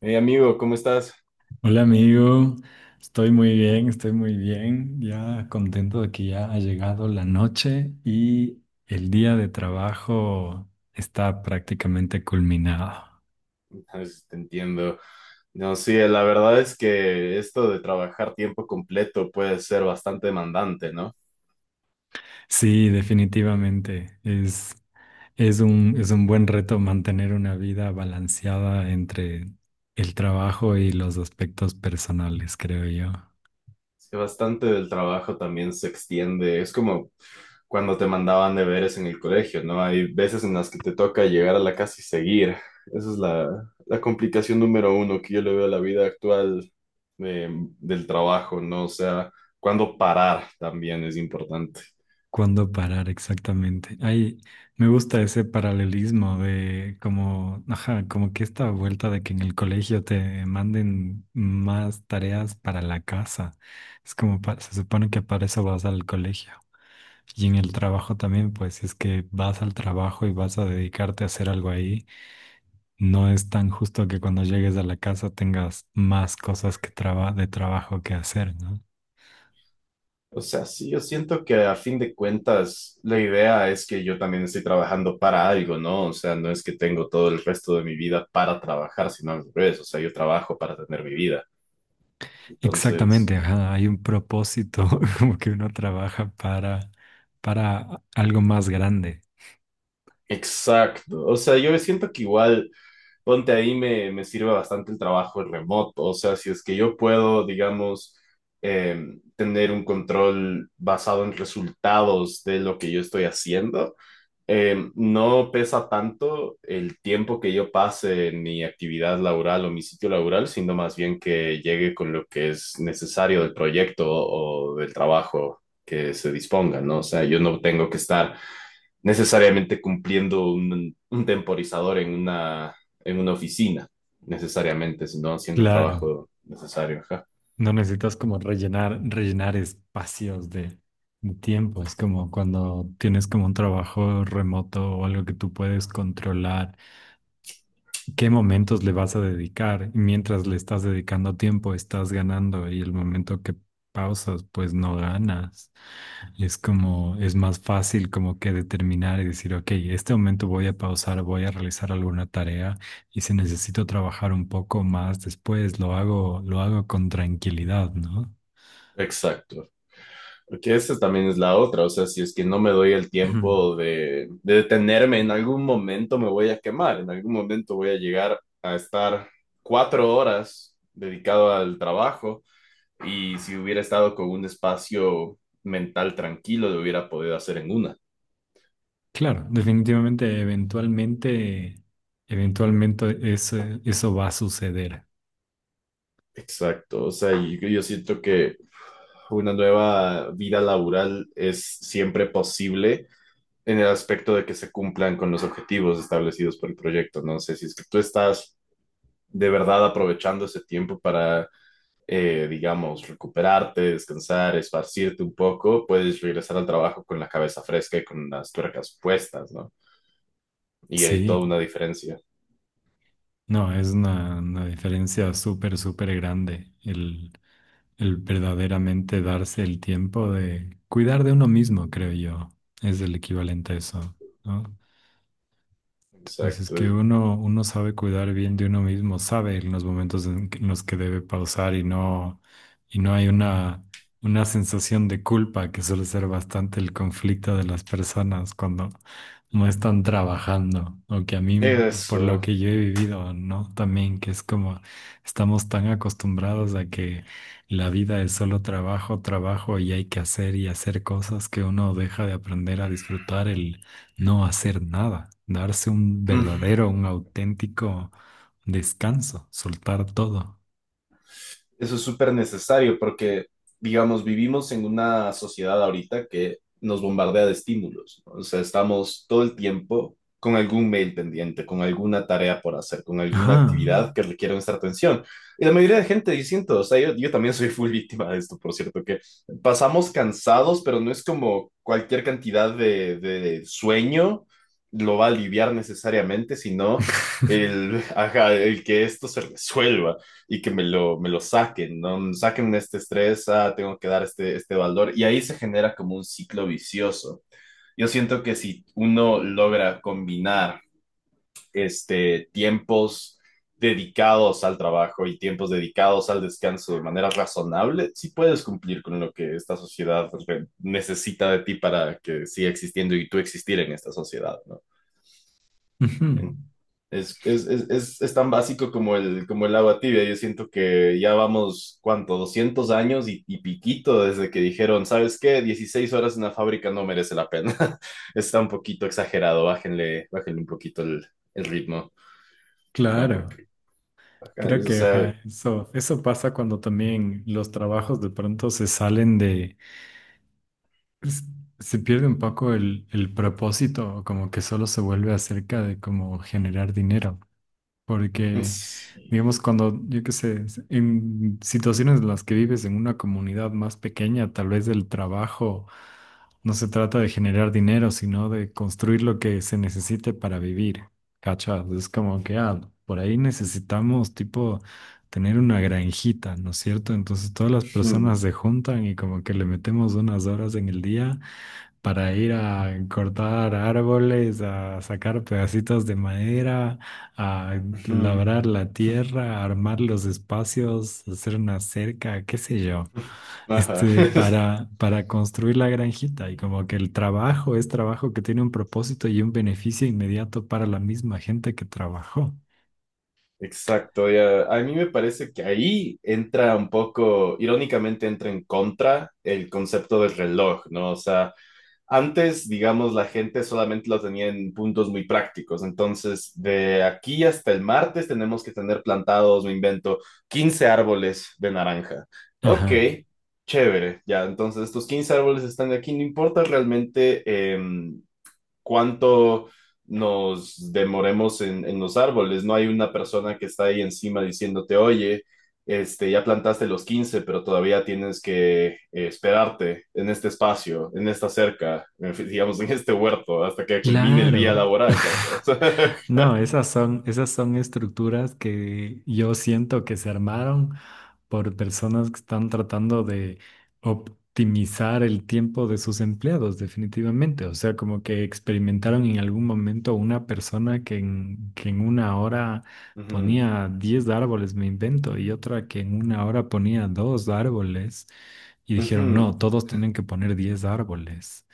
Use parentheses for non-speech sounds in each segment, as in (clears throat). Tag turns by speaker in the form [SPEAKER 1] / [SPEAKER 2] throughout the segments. [SPEAKER 1] Hey amigo, ¿cómo estás?
[SPEAKER 2] Hola amigo, estoy muy bien, ya contento de que ya ha llegado la noche y el día de trabajo está prácticamente culminado.
[SPEAKER 1] Ah, sí, te entiendo. No, sí, la verdad es que esto de trabajar tiempo completo puede ser bastante demandante, ¿no?
[SPEAKER 2] Sí, definitivamente, es un buen reto mantener una vida balanceada entre el trabajo y los aspectos personales, creo yo.
[SPEAKER 1] Es que bastante del trabajo también se extiende. Es como cuando te mandaban deberes en el colegio, ¿no? Hay veces en las que te toca llegar a la casa y seguir. Esa es la complicación número uno que yo le veo a la vida actual de- del trabajo, ¿no? O sea, cuándo parar también es importante.
[SPEAKER 2] ¿Cuándo parar exactamente? Ay, me gusta ese paralelismo de como, ajá, como que esta vuelta de que en el colegio te manden más tareas para la casa. Es como, se supone que para eso vas al colegio. Y en el trabajo también, pues si es que vas al trabajo y vas a dedicarte a hacer algo ahí, no es tan justo que cuando llegues a la casa tengas más cosas que de trabajo que hacer, ¿no?
[SPEAKER 1] O sea, sí, yo siento que a fin de cuentas la idea es que yo también estoy trabajando para algo, ¿no? O sea, no es que tengo todo el resto de mi vida para trabajar, sino al revés, o sea, yo trabajo para tener mi vida.
[SPEAKER 2] Exactamente,
[SPEAKER 1] Entonces,
[SPEAKER 2] ajá, hay un propósito, (laughs) como que uno trabaja para algo más grande.
[SPEAKER 1] exacto. O sea, yo siento que igual, ponte ahí, me sirve bastante el trabajo remoto. O sea, si es que yo puedo, digamos, eh, tener un control basado en resultados de lo que yo estoy haciendo. No pesa tanto el tiempo que yo pase en mi actividad laboral o mi sitio laboral, sino más bien que llegue con lo que es necesario del proyecto o del trabajo que se disponga, ¿no? O sea, yo no tengo que estar necesariamente cumpliendo un temporizador en una oficina, necesariamente, sino haciendo el
[SPEAKER 2] Claro,
[SPEAKER 1] trabajo necesario. Ajá.
[SPEAKER 2] no necesitas como rellenar espacios de tiempo. Es como cuando tienes como un trabajo remoto o algo que tú puedes controlar. ¿Qué momentos le vas a dedicar? Y mientras le estás dedicando tiempo, estás ganando y el momento que pausas, pues no ganas. Es como, es más fácil como que determinar y decir, ok, este momento voy a pausar, voy a realizar alguna tarea y si necesito trabajar un poco más después, lo hago con tranquilidad, ¿no?
[SPEAKER 1] Exacto. Porque esa también es la otra, o sea, si es que no me doy el tiempo
[SPEAKER 2] (clears throat)
[SPEAKER 1] de detenerme, en algún momento me voy a quemar, en algún momento voy a llegar a estar 4 horas dedicado al trabajo y si hubiera estado con un espacio mental tranquilo, lo hubiera podido hacer en una.
[SPEAKER 2] Claro, definitivamente, eventualmente eso va a suceder.
[SPEAKER 1] Exacto, o sea, y yo siento que una nueva vida laboral es siempre posible en el aspecto de que se cumplan con los objetivos establecidos por el proyecto, ¿no? Sé si es que tú estás de verdad aprovechando ese tiempo para, digamos, recuperarte, descansar, esparcirte un poco, puedes regresar al trabajo con la cabeza fresca y con las tuercas puestas, ¿no? Y hay toda
[SPEAKER 2] Sí,
[SPEAKER 1] una diferencia.
[SPEAKER 2] no, es una diferencia súper, súper grande el verdaderamente darse el tiempo de cuidar de uno mismo, creo yo, es el equivalente a eso, ¿no? Pues es que
[SPEAKER 1] Exacto.
[SPEAKER 2] uno sabe cuidar bien de uno mismo, sabe en los momentos en los que debe pausar y no hay una sensación de culpa que suele ser bastante el conflicto de las personas cuando no están trabajando, o que a mí, por lo
[SPEAKER 1] Eso.
[SPEAKER 2] que yo he vivido, ¿no? También que es como estamos tan acostumbrados a que la vida es solo trabajo, trabajo y hay que hacer y hacer cosas que uno deja de aprender a disfrutar no hacer nada, darse un verdadero, un auténtico descanso, soltar todo.
[SPEAKER 1] Eso es súper necesario porque, digamos, vivimos en una sociedad ahorita que nos bombardea de estímulos, ¿no? O sea, estamos todo el tiempo con algún mail pendiente, con alguna tarea por hacer, con alguna
[SPEAKER 2] Ajá.
[SPEAKER 1] actividad que requiere nuestra atención. Y la mayoría de gente, yo siento, o sea, yo también soy full víctima de esto, por cierto, que pasamos cansados, pero no es como cualquier cantidad de sueño lo va a aliviar necesariamente, sino
[SPEAKER 2] (laughs)
[SPEAKER 1] el, (laughs) ajá, el que esto se resuelva y que me lo saquen, ¿no? Saquen este estrés, ah, tengo que dar este valor y ahí se genera como un ciclo vicioso. Yo siento que si uno logra combinar este, tiempos dedicados al trabajo y tiempos dedicados al descanso de manera razonable, si sí puedes cumplir con lo que esta sociedad necesita de ti para que siga existiendo y tú existir en esta sociedad, ¿no?
[SPEAKER 2] Ujú,
[SPEAKER 1] En- es tan básico como el agua tibia. Yo siento que ya vamos, ¿cuánto? 200 años y piquito desde que dijeron, ¿sabes qué? 16 horas en la fábrica no merece la pena. (laughs) Está un poquito exagerado, bájenle, bájenle un poquito el ritmo, ¿no?
[SPEAKER 2] claro,
[SPEAKER 1] Porque, ajá,
[SPEAKER 2] creo
[SPEAKER 1] o
[SPEAKER 2] que
[SPEAKER 1] sea,
[SPEAKER 2] ajá, eso pasa cuando también los trabajos de pronto se salen de, s- se pierde un poco el propósito, como que solo se vuelve acerca de cómo generar dinero. Porque,
[SPEAKER 1] sí.
[SPEAKER 2] digamos, cuando, yo qué sé, en situaciones en las que vives en una comunidad más pequeña, tal vez el trabajo no se trata de generar dinero, sino de construir lo que se necesite para vivir. ¿Cachas? Es como que, ah, por ahí necesitamos, tipo, tener una granjita, ¿no es cierto? Entonces todas las personas
[SPEAKER 1] Mm,
[SPEAKER 2] se juntan y como que le metemos unas horas en el día para ir a cortar árboles, a sacar pedacitos de madera, a
[SPEAKER 1] ujú.
[SPEAKER 2] labrar la tierra, a armar los espacios, hacer una cerca, qué sé yo,
[SPEAKER 1] Ajá. (laughs)
[SPEAKER 2] para construir la granjita. Y como que el trabajo es trabajo que tiene un propósito y un beneficio inmediato para la misma gente que trabajó.
[SPEAKER 1] Exacto, ya. A mí me parece que ahí entra un poco, irónicamente entra en contra el concepto del reloj, ¿no? O sea, antes, digamos, la gente solamente lo tenía en puntos muy prácticos. Entonces, de aquí hasta el martes tenemos que tener plantados, me invento, 15 árboles de naranja. Ok,
[SPEAKER 2] Ajá.
[SPEAKER 1] chévere. Ya, entonces estos 15 árboles están aquí. No importa realmente em, cuánto nos demoremos en los árboles. No hay una persona que está ahí encima diciéndote, oye, este, ya plantaste los 15, pero todavía tienes que esperarte en este espacio, en esta cerca, (laughs) digamos, en este huerto, hasta que culmine el día
[SPEAKER 2] Claro. (laughs)
[SPEAKER 1] laboral, ¿cachas? (laughs)
[SPEAKER 2] No, esas son estructuras que yo siento que se armaron por personas que están tratando de optimizar el tiempo de sus empleados, definitivamente. O sea, como que experimentaron en algún momento una persona que en una hora ponía 10 árboles, me invento, y otra que en una hora ponía dos árboles. Y
[SPEAKER 1] Ujú,
[SPEAKER 2] dijeron,
[SPEAKER 1] ujú.
[SPEAKER 2] no, todos tienen que poner 10 árboles.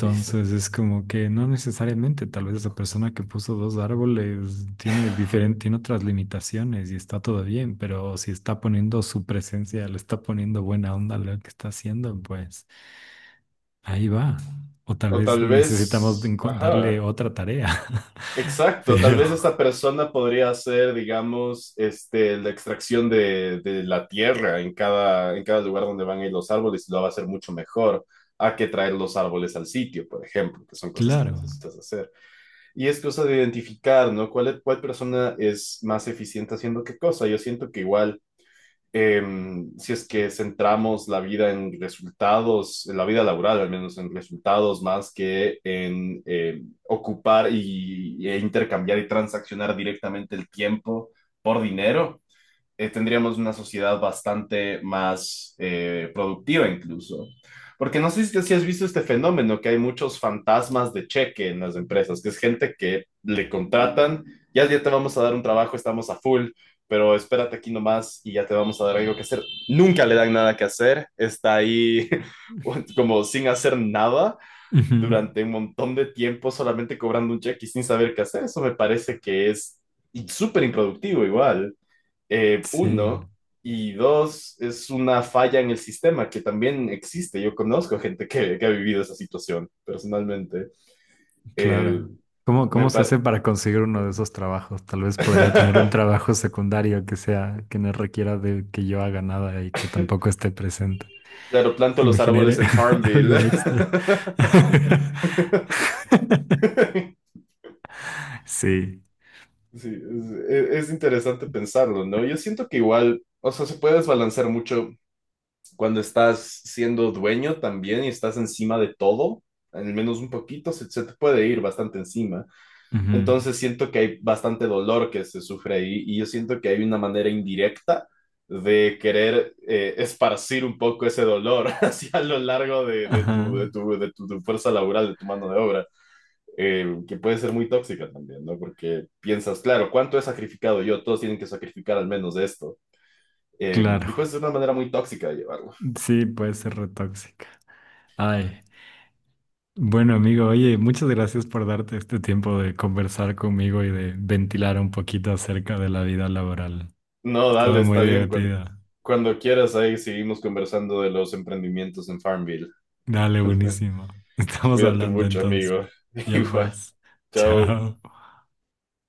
[SPEAKER 1] Es-
[SPEAKER 2] es como que no necesariamente, tal vez esa persona que puso dos árboles tiene diferente,
[SPEAKER 1] (laughs)
[SPEAKER 2] tiene otras limitaciones y está todo bien, pero si está poniendo su presencia, le está poniendo buena onda a lo que está haciendo, pues ahí va. O tal
[SPEAKER 1] O
[SPEAKER 2] vez
[SPEAKER 1] tal
[SPEAKER 2] necesitamos de
[SPEAKER 1] vez,
[SPEAKER 2] darle
[SPEAKER 1] ajá.
[SPEAKER 2] otra tarea. (laughs)
[SPEAKER 1] Exacto, tal
[SPEAKER 2] Pero,
[SPEAKER 1] vez esta persona podría hacer, digamos, este, la extracción de la tierra en cada lugar donde van a ir los árboles y lo va a hacer mucho mejor a que traer los árboles al sitio, por ejemplo, que son cosas que
[SPEAKER 2] claro.
[SPEAKER 1] necesitas hacer. Y es cosa de identificar, ¿no? ¿Cuál, cuál persona es más eficiente haciendo qué cosa? Yo siento que igual eh, si es que centramos la vida en resultados, en la vida laboral al menos en resultados más que en ocupar e intercambiar y transaccionar directamente el tiempo por dinero, tendríamos una sociedad bastante más productiva incluso. Porque no sé si has visto este fenómeno, que hay muchos fantasmas de cheque en las empresas, que es gente que le contratan, ya, ya te vamos a dar un trabajo, estamos a full, pero espérate aquí nomás y ya te vamos a dar algo que hacer. Nunca le dan nada que hacer, está ahí (laughs) como sin hacer nada
[SPEAKER 2] Ujú.
[SPEAKER 1] durante un montón de tiempo, solamente cobrando un cheque y sin saber qué hacer. Eso me parece que es súper improductivo igual
[SPEAKER 2] Sí.
[SPEAKER 1] uno, y dos, es una falla en el sistema que también existe. Yo conozco gente que ha vivido esa situación personalmente. Eh,
[SPEAKER 2] Claro. ¿Cómo,
[SPEAKER 1] me
[SPEAKER 2] cómo se hace
[SPEAKER 1] par-
[SPEAKER 2] para conseguir uno de esos trabajos? Tal vez podría tener un
[SPEAKER 1] (laughs)
[SPEAKER 2] trabajo secundario que sea, que no requiera de que yo haga nada y que tampoco esté presente
[SPEAKER 1] Claro, planto
[SPEAKER 2] y me
[SPEAKER 1] los árboles
[SPEAKER 2] genere
[SPEAKER 1] en
[SPEAKER 2] (laughs)
[SPEAKER 1] Farmville.
[SPEAKER 2] algo
[SPEAKER 1] (laughs)
[SPEAKER 2] extra. (laughs) Sí.
[SPEAKER 1] Sí, es interesante pensarlo, ¿no? Yo siento que igual, o sea, se puede desbalancear mucho cuando estás siendo dueño también y estás encima de todo, al menos un poquito, se te puede ir bastante encima.
[SPEAKER 2] Ujú.
[SPEAKER 1] Entonces siento que hay bastante dolor que se sufre ahí y yo siento que hay una manera indirecta de querer esparcir un poco ese dolor (laughs) hacia lo largo
[SPEAKER 2] Ajá.
[SPEAKER 1] tu fuerza laboral, de tu mano de obra, que puede ser muy tóxica también, ¿no? Porque piensas, claro, ¿cuánto he sacrificado yo? Todos tienen que sacrificar al menos esto. Eh,
[SPEAKER 2] Claro.
[SPEAKER 1] y pues es una manera muy tóxica de llevarlo.
[SPEAKER 2] Sí, puede ser retóxica. Ay. Bueno, amigo, oye, muchas gracias por darte este tiempo de conversar conmigo y de ventilar un poquito acerca de la vida laboral.
[SPEAKER 1] No, dale,
[SPEAKER 2] Estaba muy
[SPEAKER 1] está bien. Cuando,
[SPEAKER 2] divertida.
[SPEAKER 1] cuando quieras, ahí seguimos conversando de los emprendimientos en Farmville.
[SPEAKER 2] Dale,
[SPEAKER 1] (laughs)
[SPEAKER 2] buenísimo. (laughs) Estamos
[SPEAKER 1] Cuídate
[SPEAKER 2] hablando
[SPEAKER 1] mucho,
[SPEAKER 2] entonces.
[SPEAKER 1] amigo. (laughs)
[SPEAKER 2] Ya
[SPEAKER 1] Igual.
[SPEAKER 2] pues.
[SPEAKER 1] Chao.
[SPEAKER 2] Chao.